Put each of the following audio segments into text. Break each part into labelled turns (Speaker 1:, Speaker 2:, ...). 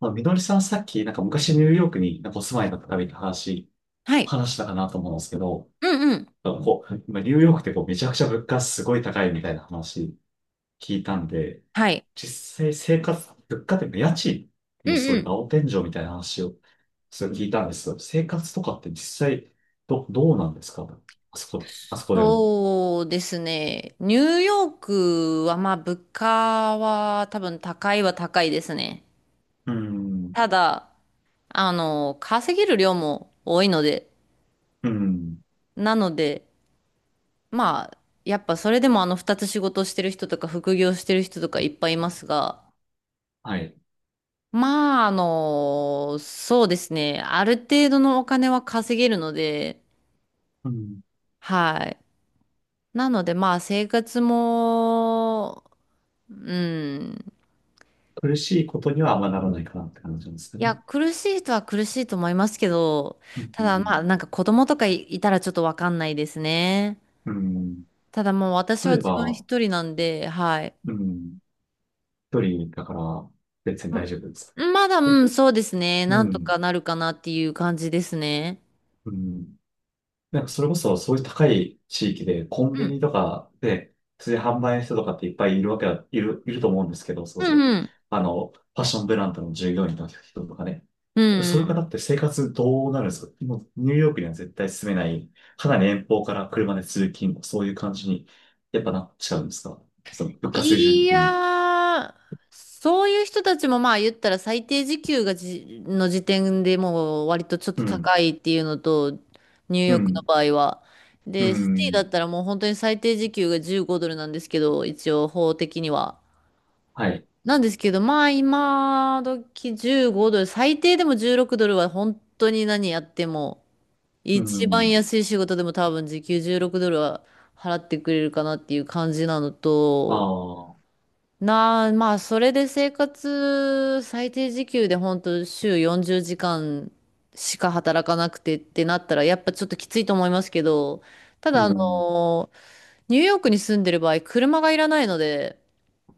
Speaker 1: まあ、みのりさんさっき、なんか昔ニューヨークになんかお住まいだったみたいな話、
Speaker 2: はい。
Speaker 1: 話したかなと思うんですけど、
Speaker 2: うんうん。
Speaker 1: なんかこう、今ニューヨークってこうめちゃくちゃ物価すごい高いみたいな話聞いたんで、
Speaker 2: はい。
Speaker 1: 実際生活、物価っていうか家賃
Speaker 2: う
Speaker 1: も
Speaker 2: ん
Speaker 1: すごい
Speaker 2: う
Speaker 1: なんか
Speaker 2: ん。
Speaker 1: 青天井みたいな話をそれ聞いたんですけど、生活とかって実際どうなんですか?あそこでの。
Speaker 2: そうですね。ニューヨークは、まあ、物価は多分高いは高いですね。
Speaker 1: うん、
Speaker 2: ただ、稼げる量も多いので、
Speaker 1: うん、
Speaker 2: なので、まあ、やっぱそれでも二つ仕事してる人とか副業してる人とかいっぱいいますが、
Speaker 1: はい。
Speaker 2: まあ、そうですね。ある程度のお金は稼げるので、
Speaker 1: うん、
Speaker 2: はい。なので、まあ、生活も、うん。
Speaker 1: 苦しいことにはあんまならないかなって感じなんですか
Speaker 2: い
Speaker 1: ね。
Speaker 2: や、苦しい人は苦しいと思いますけど、
Speaker 1: う
Speaker 2: ただまあ、
Speaker 1: ん、
Speaker 2: なんか子供とかいたらちょっとわかんないですね。
Speaker 1: うん、うん、
Speaker 2: ただもう私は
Speaker 1: 例え
Speaker 2: 自分
Speaker 1: ば、
Speaker 2: 一人なんで、はい。
Speaker 1: うん。一人だから、別に
Speaker 2: う
Speaker 1: 大丈夫です。
Speaker 2: ん、まだ、う
Speaker 1: え、
Speaker 2: ん、そうですね。
Speaker 1: う
Speaker 2: なんと
Speaker 1: ん。
Speaker 2: かなるかなっていう感じですね。
Speaker 1: うん。なんか、それこそ、そういう高い地域で、コン
Speaker 2: う
Speaker 1: ビニ
Speaker 2: ん。
Speaker 1: とかで、普通に販売の人とかっていっぱいいるわけだ、いる、いると思うんですけど、そ
Speaker 2: う
Speaker 1: うです。
Speaker 2: んうん。
Speaker 1: ファッションブランドの従業員の人とかね。
Speaker 2: う
Speaker 1: そういう
Speaker 2: ん、
Speaker 1: 方って生活どうなるんですか？もう、ニューヨークには絶対住めない、かなり遠方から車で通勤、そういう感じに、やっぱなっちゃうんですか？物価水準
Speaker 2: い
Speaker 1: 的
Speaker 2: や
Speaker 1: に。
Speaker 2: ー、そういう人たちもまあ言ったら最低時給がの時点でもう割とちょっ
Speaker 1: う
Speaker 2: と
Speaker 1: ん。
Speaker 2: 高いっていうのと、ニュー
Speaker 1: う
Speaker 2: ヨークの
Speaker 1: ん。
Speaker 2: 場合は。
Speaker 1: う
Speaker 2: で、シティだ
Speaker 1: ん。
Speaker 2: ったらもう本当に最低時給が15ドルなんですけど、一応法的には。
Speaker 1: はい。
Speaker 2: なんですけど、まあ今時15ドル、最低でも16ドルは本当に何やっても、
Speaker 1: う
Speaker 2: 一番
Speaker 1: ん。
Speaker 2: 安い仕事でも多分時給16ドルは払ってくれるかなっていう感じなの
Speaker 1: あ
Speaker 2: と、
Speaker 1: あ、
Speaker 2: まあ、それで生活、最低時給で本当週40時間しか働かなくてってなったら、やっぱちょっときついと思いますけど、た
Speaker 1: う
Speaker 2: だ、
Speaker 1: ん、
Speaker 2: ニューヨークに住んでる場合、車がいらないので、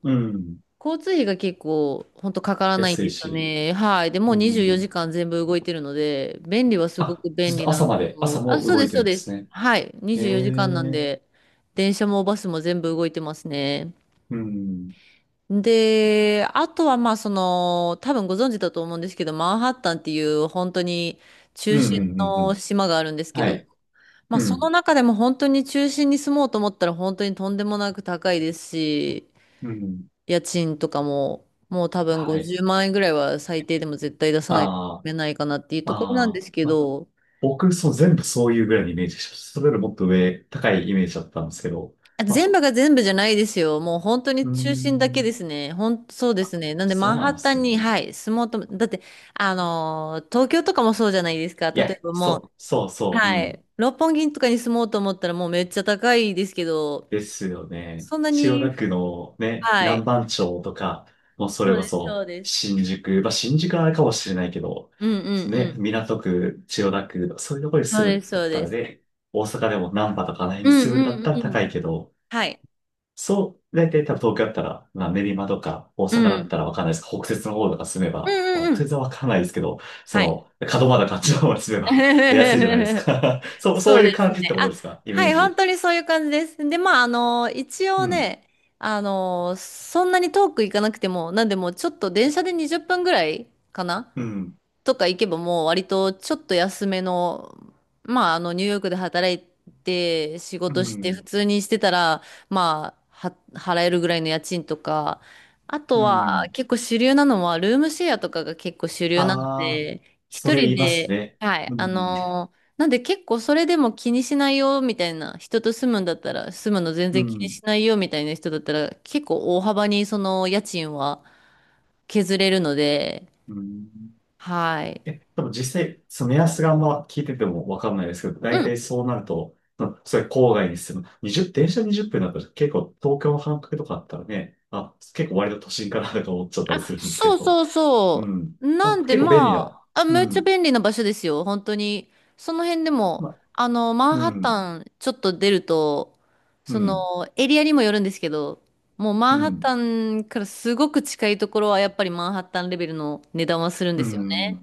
Speaker 1: うん、
Speaker 2: 交通費が結構、本当かからないん
Speaker 1: 安
Speaker 2: で
Speaker 1: い
Speaker 2: すよ
Speaker 1: し、
Speaker 2: ね。はい。で、も
Speaker 1: う
Speaker 2: う24
Speaker 1: ん。
Speaker 2: 時間全部動いてるので、便利はすご
Speaker 1: あ、
Speaker 2: く
Speaker 1: ず
Speaker 2: 便
Speaker 1: っ
Speaker 2: 利
Speaker 1: と
Speaker 2: なの
Speaker 1: 朝まで、朝
Speaker 2: と、あ、
Speaker 1: も
Speaker 2: そう
Speaker 1: 動
Speaker 2: で
Speaker 1: い
Speaker 2: す、
Speaker 1: て
Speaker 2: そう
Speaker 1: るんで
Speaker 2: で
Speaker 1: す
Speaker 2: す。
Speaker 1: ね。
Speaker 2: はい。
Speaker 1: ええ、
Speaker 2: 24時間なん
Speaker 1: うん、
Speaker 2: で、電車もバスも全部動いてますね。
Speaker 1: うん、
Speaker 2: で、あとはまあその、多分ご存知だと思うんですけど、マンハッタンっていう本当に
Speaker 1: うん、
Speaker 2: 中心
Speaker 1: うんう
Speaker 2: の
Speaker 1: ん、
Speaker 2: 島があるんですけ
Speaker 1: は
Speaker 2: ど、
Speaker 1: い、
Speaker 2: まあ
Speaker 1: う
Speaker 2: そ
Speaker 1: ん、
Speaker 2: の中でも本当に中心に住もうと思ったら本当にとんでもなく高いですし、
Speaker 1: うん、
Speaker 2: 家賃とかももう多分
Speaker 1: はい。
Speaker 2: 50万円ぐらいは最低でも絶対出さないと
Speaker 1: あ
Speaker 2: めないかなっていう
Speaker 1: あ、
Speaker 2: ところなん
Speaker 1: あ
Speaker 2: で
Speaker 1: あ、
Speaker 2: すけ
Speaker 1: ま、
Speaker 2: ど、
Speaker 1: 僕、そう、全部そういうぐらいのイメージでした。それよりもっと上、高いイメージだったんですけど、
Speaker 2: あ、
Speaker 1: ま
Speaker 2: 全部が
Speaker 1: あ、
Speaker 2: 全部じゃないですよ。もう本当
Speaker 1: う
Speaker 2: に
Speaker 1: ー
Speaker 2: 中心だけで
Speaker 1: ん、
Speaker 2: すね。そうですね。なんでマ
Speaker 1: そ
Speaker 2: ン
Speaker 1: うな
Speaker 2: ハ
Speaker 1: んで
Speaker 2: ッタン
Speaker 1: す
Speaker 2: に、
Speaker 1: ね。
Speaker 2: はい、住もうとだって、東京とかもそうじゃないですか。
Speaker 1: い
Speaker 2: 例
Speaker 1: や、
Speaker 2: えばも
Speaker 1: そ
Speaker 2: う、
Speaker 1: う、そうそう、う
Speaker 2: は
Speaker 1: ん。
Speaker 2: い、六本木とかに住もうと思ったらもうめっちゃ高いですけど、
Speaker 1: ですよね。
Speaker 2: そんな
Speaker 1: 千代
Speaker 2: に、
Speaker 1: 田区のね、
Speaker 2: はい、
Speaker 1: 南番町とか、もうそ
Speaker 2: そ
Speaker 1: れ
Speaker 2: う
Speaker 1: こ
Speaker 2: です、そ
Speaker 1: そ
Speaker 2: うです。
Speaker 1: 新宿、まあ新宿はあれかもしれないけど、
Speaker 2: うんうんう
Speaker 1: ね、
Speaker 2: ん。
Speaker 1: 港区、千代田区、そういうところに
Speaker 2: そう
Speaker 1: 住む
Speaker 2: です、
Speaker 1: んだ
Speaker 2: そ
Speaker 1: っ
Speaker 2: う
Speaker 1: た
Speaker 2: で
Speaker 1: ら
Speaker 2: す。
Speaker 1: ね、大阪でも難波とかあの辺
Speaker 2: う
Speaker 1: に住むん
Speaker 2: ん
Speaker 1: だっ
Speaker 2: うん
Speaker 1: たら
Speaker 2: う
Speaker 1: 高い
Speaker 2: ん。
Speaker 1: けど、
Speaker 2: はい。
Speaker 1: そう、大体多分東京だったら、まあ練馬とか大
Speaker 2: う
Speaker 1: 阪だっ
Speaker 2: ん。
Speaker 1: たらわかんないです。北摂の方とか住め
Speaker 2: う
Speaker 1: ば、ま
Speaker 2: ん
Speaker 1: あ
Speaker 2: うんう
Speaker 1: 北
Speaker 2: ん。
Speaker 1: 摂はわかんないですけど、そ
Speaker 2: は
Speaker 1: の、
Speaker 2: い。
Speaker 1: 門真とかあっちの方に住めば 安いじゃないですか。そう、そ
Speaker 2: そ
Speaker 1: う
Speaker 2: う
Speaker 1: い
Speaker 2: で
Speaker 1: う
Speaker 2: す
Speaker 1: 感じっ
Speaker 2: ね。
Speaker 1: てこと
Speaker 2: あ、
Speaker 1: ですか？イメ
Speaker 2: は
Speaker 1: ー
Speaker 2: い、本
Speaker 1: ジ。
Speaker 2: 当にそういう感じです。で、まあ、一
Speaker 1: う
Speaker 2: 応
Speaker 1: ん。
Speaker 2: ね、そんなに遠く行かなくても、なんでもうちょっと電車で20分ぐらいかな
Speaker 1: うん。
Speaker 2: とか行けばもう割とちょっと安めの、まあニューヨークで働いて仕
Speaker 1: う
Speaker 2: 事して普
Speaker 1: ん。
Speaker 2: 通にしてたら、まあは払えるぐらいの家賃とか、あ
Speaker 1: う
Speaker 2: とは
Speaker 1: ん。
Speaker 2: 結構主流なのはルームシェアとかが結構主流なの
Speaker 1: ああ、
Speaker 2: で、
Speaker 1: そ
Speaker 2: 一
Speaker 1: れ言
Speaker 2: 人
Speaker 1: います
Speaker 2: で、
Speaker 1: ね。
Speaker 2: はい、
Speaker 1: うん。
Speaker 2: なんで結構それでも気にしないよみたいな人と住むんだったら、住むの全
Speaker 1: う
Speaker 2: 然気に
Speaker 1: ん。
Speaker 2: しないよみたいな人だったら結構大幅にその家賃は削れるので、
Speaker 1: うん。
Speaker 2: はい。
Speaker 1: え、でも実際、その目安があんま聞いててもわかんないですけど、大
Speaker 2: うん、
Speaker 1: 体そうなると、うん、それ郊外に住む。20、電車20分だったら結構東京の半角とかあったらね、あ、結構割と都心かなとか思っちゃったりするんですけ
Speaker 2: そう
Speaker 1: ど。
Speaker 2: そう
Speaker 1: う
Speaker 2: そ
Speaker 1: ん。
Speaker 2: う。
Speaker 1: あ、
Speaker 2: なんで
Speaker 1: 結構便利
Speaker 2: ま
Speaker 1: だ。
Speaker 2: あ、あ、
Speaker 1: う
Speaker 2: めっちゃ
Speaker 1: ん。
Speaker 2: 便利な場所ですよ、本当に。その辺でも、
Speaker 1: ま、
Speaker 2: マン
Speaker 1: う
Speaker 2: ハッ
Speaker 1: ん。
Speaker 2: タンちょっと出ると、
Speaker 1: う
Speaker 2: そ
Speaker 1: ん。
Speaker 2: の、エリアにもよるんですけど、もうマ
Speaker 1: う
Speaker 2: ンハッタ
Speaker 1: ん。
Speaker 2: ンからすごく近いところはやっぱりマンハッタンレベルの値段はするん
Speaker 1: う
Speaker 2: ですよね。
Speaker 1: ん。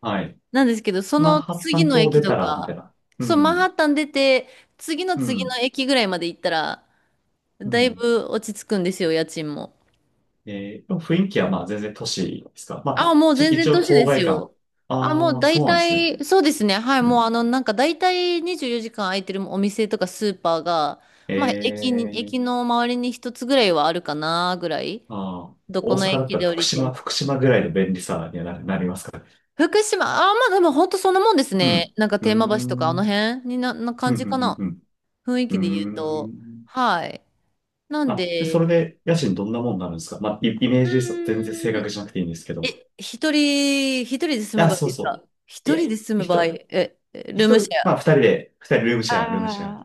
Speaker 1: はい。
Speaker 2: なんですけど、そ
Speaker 1: マン
Speaker 2: の
Speaker 1: ハッタ
Speaker 2: 次
Speaker 1: ン
Speaker 2: の
Speaker 1: 島を
Speaker 2: 駅
Speaker 1: 出
Speaker 2: と
Speaker 1: たら、みたい
Speaker 2: か、
Speaker 1: な。う
Speaker 2: そう、マンハ
Speaker 1: ん。
Speaker 2: ッタン出て、次の
Speaker 1: う
Speaker 2: 次
Speaker 1: ん。
Speaker 2: の駅ぐらいまで行ったら、
Speaker 1: う
Speaker 2: だい
Speaker 1: ん。
Speaker 2: ぶ落ち着くんですよ、家賃も。
Speaker 1: 雰囲気はまあ全然都市ですか？まあ、
Speaker 2: あ、もう
Speaker 1: ちょっと
Speaker 2: 全然
Speaker 1: 一応
Speaker 2: 年
Speaker 1: 郊
Speaker 2: です
Speaker 1: 外感。
Speaker 2: よ。あ、もう
Speaker 1: ああ、そ
Speaker 2: 大
Speaker 1: うなんですね。
Speaker 2: 体、そうですね。はい、
Speaker 1: う
Speaker 2: もう
Speaker 1: ん。
Speaker 2: なんか大体24時間空いてるお店とかスーパーが、
Speaker 1: え
Speaker 2: まあ、
Speaker 1: ー、
Speaker 2: 駅の周りに一つぐらいはあるかな、ぐらい。
Speaker 1: ああ、
Speaker 2: ど
Speaker 1: 大
Speaker 2: この
Speaker 1: 阪だっ
Speaker 2: 駅
Speaker 1: たら
Speaker 2: で降
Speaker 1: 福
Speaker 2: りて
Speaker 1: 島、
Speaker 2: も。
Speaker 1: 福島ぐらいの便利さにはなりますかね。
Speaker 2: 福島、あ、まあでも本当そんなもんです
Speaker 1: う
Speaker 2: ね。
Speaker 1: ん。
Speaker 2: なんか
Speaker 1: うー
Speaker 2: 天満橋とかあ
Speaker 1: ん。う
Speaker 2: の
Speaker 1: ん、
Speaker 2: 辺にな
Speaker 1: う
Speaker 2: 感じ
Speaker 1: ん、
Speaker 2: か
Speaker 1: う
Speaker 2: な。
Speaker 1: ん、
Speaker 2: 雰囲
Speaker 1: う
Speaker 2: 気で言う
Speaker 1: ん。うー
Speaker 2: と。
Speaker 1: ん。
Speaker 2: はい。なん
Speaker 1: あ、で、それ
Speaker 2: で、
Speaker 1: で家賃どんなもんになるんですか？まあ、イ、イメー
Speaker 2: う
Speaker 1: ジですよ。全然正
Speaker 2: ー
Speaker 1: 確
Speaker 2: ん、
Speaker 1: じゃなくていいんですけ
Speaker 2: え、
Speaker 1: ど。
Speaker 2: 一人で住む
Speaker 1: あ、
Speaker 2: 場合
Speaker 1: そう
Speaker 2: です
Speaker 1: そう。
Speaker 2: か？
Speaker 1: い
Speaker 2: 一
Speaker 1: や、
Speaker 2: 人で住む
Speaker 1: 一
Speaker 2: 場合、
Speaker 1: 人、
Speaker 2: え、
Speaker 1: 一
Speaker 2: ルーム
Speaker 1: 人、
Speaker 2: シェ
Speaker 1: まあ二
Speaker 2: ア、
Speaker 1: 人で、二人ルームシェア、ルームシェ
Speaker 2: あ
Speaker 1: ア。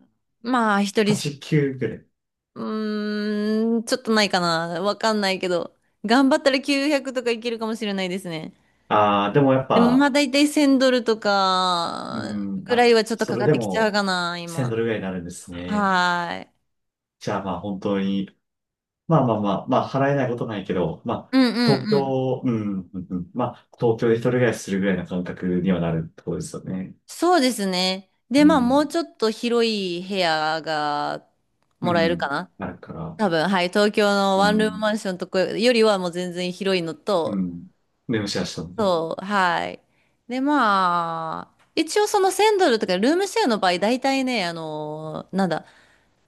Speaker 2: あ、まあ、一人す、
Speaker 1: 8、9ぐらい。
Speaker 2: うーん、ちょっとないかな。わかんないけど。頑張ったら900とかいけるかもしれないですね。
Speaker 1: ああ、でもやっ
Speaker 2: でも、まあ、
Speaker 1: ぱ、
Speaker 2: だいたい1000ドルと
Speaker 1: う
Speaker 2: か、
Speaker 1: ん。
Speaker 2: くら
Speaker 1: あ、
Speaker 2: いはちょっと
Speaker 1: そ
Speaker 2: か
Speaker 1: れ
Speaker 2: かっ
Speaker 1: で
Speaker 2: てきちゃう
Speaker 1: も、
Speaker 2: かな、
Speaker 1: 1000ド
Speaker 2: 今。
Speaker 1: ルぐらいになるんですね。
Speaker 2: はーい。
Speaker 1: じゃあまあ本当に、まあまあまあ、まあ払えないことないけど、まあ、
Speaker 2: うんう
Speaker 1: 東
Speaker 2: んうん。
Speaker 1: 京、うん、うん、うん、まあ、東京で一人暮らしするぐらいの感覚にはなるところですよね。
Speaker 2: そうですね。で、
Speaker 1: う
Speaker 2: まあ、もう
Speaker 1: ん、
Speaker 2: ちょっと広い部屋が
Speaker 1: う
Speaker 2: もらえるか
Speaker 1: ん。
Speaker 2: な。
Speaker 1: なるから、
Speaker 2: 多分、はい。東京の
Speaker 1: う
Speaker 2: ワンルーム
Speaker 1: ん、
Speaker 2: マンションとかよりはもう全然広いの
Speaker 1: う
Speaker 2: と、
Speaker 1: ん。でもシェアしたのね。
Speaker 2: そう、はい。で、まあ、一応その1000ドルとかルームシェアの場合、大体ね、あの、なんだ、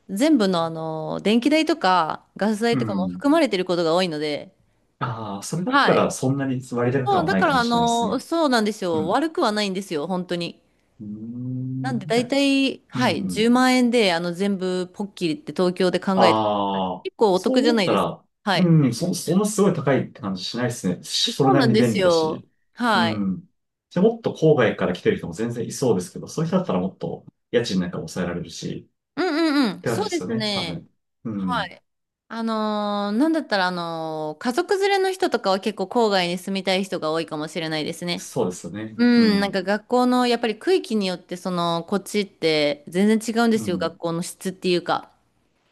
Speaker 2: 全部の電気代とかガス
Speaker 1: う
Speaker 2: 代とかも
Speaker 1: ん。
Speaker 2: 含まれてることが多いので、
Speaker 1: ああ、それだった
Speaker 2: はい。
Speaker 1: らそんなに割高
Speaker 2: そ
Speaker 1: 感
Speaker 2: う、
Speaker 1: は
Speaker 2: だ
Speaker 1: ない
Speaker 2: か
Speaker 1: か
Speaker 2: ら
Speaker 1: もしれないですね。
Speaker 2: そうなんです
Speaker 1: う
Speaker 2: よ。
Speaker 1: ん。
Speaker 2: 悪くはないんですよ、本当に。
Speaker 1: うー
Speaker 2: なん
Speaker 1: ん、
Speaker 2: で
Speaker 1: じゃ
Speaker 2: 大
Speaker 1: あ、
Speaker 2: 体、
Speaker 1: う
Speaker 2: はい、10
Speaker 1: ん。
Speaker 2: 万円で全部ポッキリって東京で考えてください。
Speaker 1: ああ、
Speaker 2: 結構お
Speaker 1: そ
Speaker 2: 得
Speaker 1: う
Speaker 2: じゃ
Speaker 1: 思
Speaker 2: な
Speaker 1: っ
Speaker 2: い
Speaker 1: た
Speaker 2: ですか。
Speaker 1: ら、
Speaker 2: はい。
Speaker 1: うん、そんなすごい高いって感じしないですね。そ
Speaker 2: そ
Speaker 1: れ
Speaker 2: う
Speaker 1: な
Speaker 2: な
Speaker 1: り
Speaker 2: ん
Speaker 1: に
Speaker 2: で
Speaker 1: 便
Speaker 2: す
Speaker 1: 利だ
Speaker 2: よ。
Speaker 1: し。う
Speaker 2: はい。
Speaker 1: ん。で、もっと郊外から来てる人も全然いそうですけど、そういう人だったらもっと家賃なんか抑えられるし、
Speaker 2: うんうんう
Speaker 1: っ
Speaker 2: ん。
Speaker 1: て感
Speaker 2: そ
Speaker 1: じ
Speaker 2: う
Speaker 1: で
Speaker 2: で
Speaker 1: すよ
Speaker 2: す
Speaker 1: ね、多
Speaker 2: ね。
Speaker 1: 分。う
Speaker 2: は
Speaker 1: ん。
Speaker 2: い。なんだったら、家族連れの人とかは結構郊外に住みたい人が多いかもしれないですね。
Speaker 1: そうですよね。
Speaker 2: う
Speaker 1: う
Speaker 2: ん、なん
Speaker 1: ん。
Speaker 2: か学校の、やっぱり区域によって、その、こっちって全然違うんで
Speaker 1: う
Speaker 2: すよ、学
Speaker 1: ん。
Speaker 2: 校の質っていうか。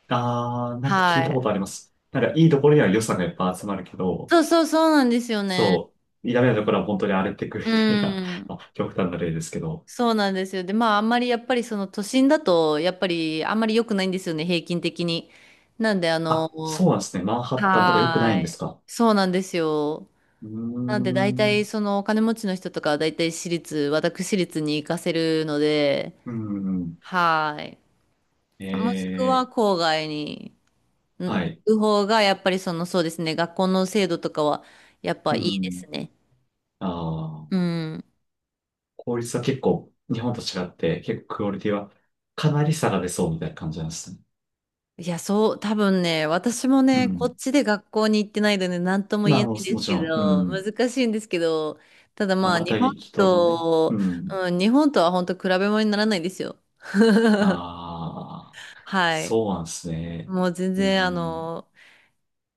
Speaker 1: ああ、なんか聞い
Speaker 2: は
Speaker 1: たこと
Speaker 2: い。
Speaker 1: あります。なんかいいところには予算がいっぱい集まるけど、
Speaker 2: そうそうそうなんですよね。
Speaker 1: そう、ダメなところは本当に荒れてくる
Speaker 2: う
Speaker 1: みたいな、
Speaker 2: ん。
Speaker 1: あ、極端な例ですけど。
Speaker 2: そうなんですよ。で、まあ、あんまりやっぱりその都心だと、やっぱりあんまり良くないんですよね、平均的に。なんで、
Speaker 1: あ、そうなんですね。マンハッタンとか良くな
Speaker 2: は
Speaker 1: い
Speaker 2: ー
Speaker 1: んです
Speaker 2: い。
Speaker 1: か？
Speaker 2: そうなんですよ。
Speaker 1: うー
Speaker 2: なんで大体
Speaker 1: ん。
Speaker 2: そのお金持ちの人とかは大体私立に行かせるので、
Speaker 1: うん。
Speaker 2: はい。
Speaker 1: え
Speaker 2: もしくは
Speaker 1: ー、
Speaker 2: 郊外にん
Speaker 1: は
Speaker 2: 行
Speaker 1: い。
Speaker 2: く方がやっぱりそのそうですね、学校の制度とかはやっぱ
Speaker 1: う
Speaker 2: いいです
Speaker 1: ん。
Speaker 2: ね。
Speaker 1: ああ、
Speaker 2: うん。
Speaker 1: 効率は結構、日本と違って、結構クオリティはかなり下が出そうみたいな感じなんですね。
Speaker 2: いや、そう、多分ね、私も
Speaker 1: う
Speaker 2: ね、こ
Speaker 1: ん。
Speaker 2: っちで学校に行ってないので何とも言
Speaker 1: まあ、
Speaker 2: えな
Speaker 1: も
Speaker 2: いんです
Speaker 1: ち
Speaker 2: け
Speaker 1: ろん、う
Speaker 2: ど、
Speaker 1: ん。
Speaker 2: 難しいんですけど、ただ
Speaker 1: ま
Speaker 2: まあ
Speaker 1: ば
Speaker 2: 日
Speaker 1: た
Speaker 2: 本
Speaker 1: ぎきとのね。う
Speaker 2: と、
Speaker 1: ん。
Speaker 2: うん、日本とは本当比べ物にならないですよ。
Speaker 1: ああ、
Speaker 2: はい。
Speaker 1: そうなんですね。
Speaker 2: もう全
Speaker 1: う
Speaker 2: 然
Speaker 1: ん。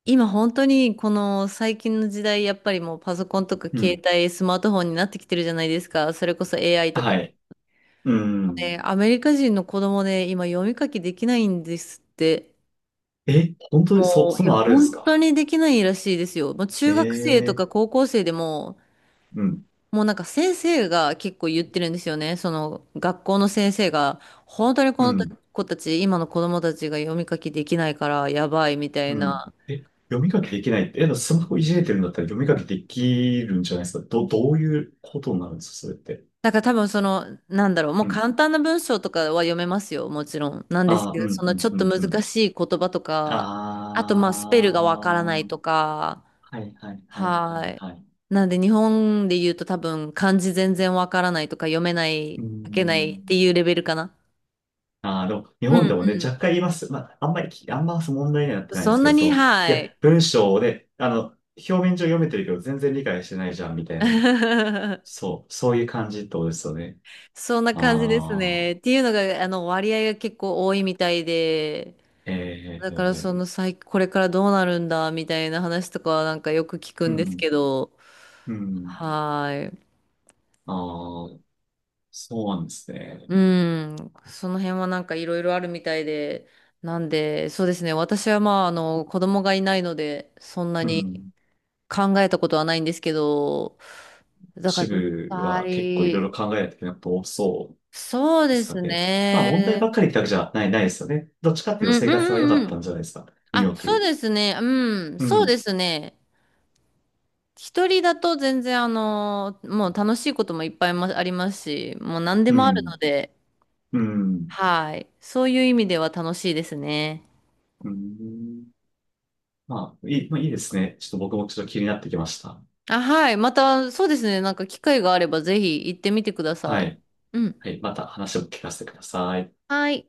Speaker 2: 今本当にこの最近の時代、やっぱりもうパソコンとか
Speaker 1: う
Speaker 2: 携
Speaker 1: ん。
Speaker 2: 帯、スマートフォンになってきてるじゃないですか。それこそ AI とか。
Speaker 1: はい。うん。
Speaker 2: ね、アメリカ人の子供で今読み書きできないんですって。
Speaker 1: え、本当にそ、
Speaker 2: もう、
Speaker 1: そ
Speaker 2: い
Speaker 1: ん
Speaker 2: や、
Speaker 1: なんあるんです
Speaker 2: 本
Speaker 1: か？
Speaker 2: 当にできないらしいですよ。もう中学生と
Speaker 1: ええ
Speaker 2: か高校生でも、
Speaker 1: ー、うん。
Speaker 2: もうなんか先生が結構言ってるんですよね。その学校の先生が、本当に
Speaker 1: う
Speaker 2: この
Speaker 1: ん。
Speaker 2: 子たち、今の子供たちが読み書きできないからやばいみたい
Speaker 1: うん。
Speaker 2: な。
Speaker 1: え、読み書きできないって、え、スマホいじれてるんだったら読み書きできるんじゃないですか。どういうことになるんですか、それって。
Speaker 2: だから多分その、なんだろう、も
Speaker 1: う
Speaker 2: う
Speaker 1: ん。
Speaker 2: 簡単な文章とかは読めますよ、もちろん。なんです
Speaker 1: ああ、う
Speaker 2: けど、
Speaker 1: ん、
Speaker 2: その
Speaker 1: う
Speaker 2: ち
Speaker 1: ん、
Speaker 2: ょっ
Speaker 1: う
Speaker 2: と
Speaker 1: ん、
Speaker 2: 難
Speaker 1: うん。
Speaker 2: しい言葉と
Speaker 1: ああ、
Speaker 2: か、あとまあスペルがわからない
Speaker 1: は
Speaker 2: とか、
Speaker 1: い、はい、はい、はい、
Speaker 2: はい。
Speaker 1: はい。
Speaker 2: なんで日本で言うと多分漢字全然わからないとか読めな
Speaker 1: う
Speaker 2: い、
Speaker 1: ー
Speaker 2: 書けないって
Speaker 1: ん。
Speaker 2: いうレベルかな。
Speaker 1: ああ、でも、日
Speaker 2: う
Speaker 1: 本でもね、若
Speaker 2: ん
Speaker 1: 干言います。まあ、あんまりき、あんま問題にはなっ
Speaker 2: うん。
Speaker 1: てないで
Speaker 2: そ
Speaker 1: す
Speaker 2: ん
Speaker 1: け
Speaker 2: な
Speaker 1: ど、そ
Speaker 2: に、
Speaker 1: の、い
Speaker 2: は
Speaker 1: や、
Speaker 2: い。
Speaker 1: 文章で、表面上読めてるけど、全然理解してないじゃん、みたいな。そう、そういう感じってことですよね。
Speaker 2: そんな感じです
Speaker 1: ああ、
Speaker 2: ね。っていうのが、割合が結構多いみたいで、
Speaker 1: ええ
Speaker 2: だから
Speaker 1: ー、
Speaker 2: そのこれからどうなるんだみたいな話とかはなんかよく聞く
Speaker 1: う
Speaker 2: んですけ
Speaker 1: ん。
Speaker 2: ど、
Speaker 1: うん。
Speaker 2: はーい。
Speaker 1: ああ、そうなんですね。
Speaker 2: うん。その辺はなんかいろいろあるみたいで、なんで、そうですね。私はまあ、子供がいないので、そんな
Speaker 1: う
Speaker 2: に
Speaker 1: ん。
Speaker 2: 考えたことはないんですけど、だか
Speaker 1: 支
Speaker 2: ら実
Speaker 1: 部は結構いろいろ
Speaker 2: 際、
Speaker 1: 考えないといけないこと多そう
Speaker 2: そう
Speaker 1: で
Speaker 2: で
Speaker 1: すか
Speaker 2: す
Speaker 1: ね。まあ問題
Speaker 2: ね。
Speaker 1: ばっかりってわけじゃない、ないですよね。どっちかっ
Speaker 2: う
Speaker 1: ていうと
Speaker 2: ん
Speaker 1: 生
Speaker 2: う
Speaker 1: 活は良か
Speaker 2: んうん
Speaker 1: っ
Speaker 2: う
Speaker 1: た
Speaker 2: ん。
Speaker 1: んじゃないですか。ニューヨ
Speaker 2: あ、
Speaker 1: ー
Speaker 2: そう
Speaker 1: ク。
Speaker 2: ですね。うん。
Speaker 1: う
Speaker 2: そうで
Speaker 1: ん。
Speaker 2: すね。一人だと全然もう楽しいこともいっぱいもありますし、もう何で
Speaker 1: う
Speaker 2: もある
Speaker 1: ん。
Speaker 2: ので、
Speaker 1: うん。
Speaker 2: はい。そういう意味では楽しいですね。
Speaker 1: うん。まあ、まあいいですね。ちょっと僕もちょっと気になってきました。
Speaker 2: あ、はい。また、そうですね。なんか機会があればぜひ行ってみてくださ
Speaker 1: は
Speaker 2: い。
Speaker 1: い。
Speaker 2: うん。
Speaker 1: はい。また話を聞かせてください。
Speaker 2: はい。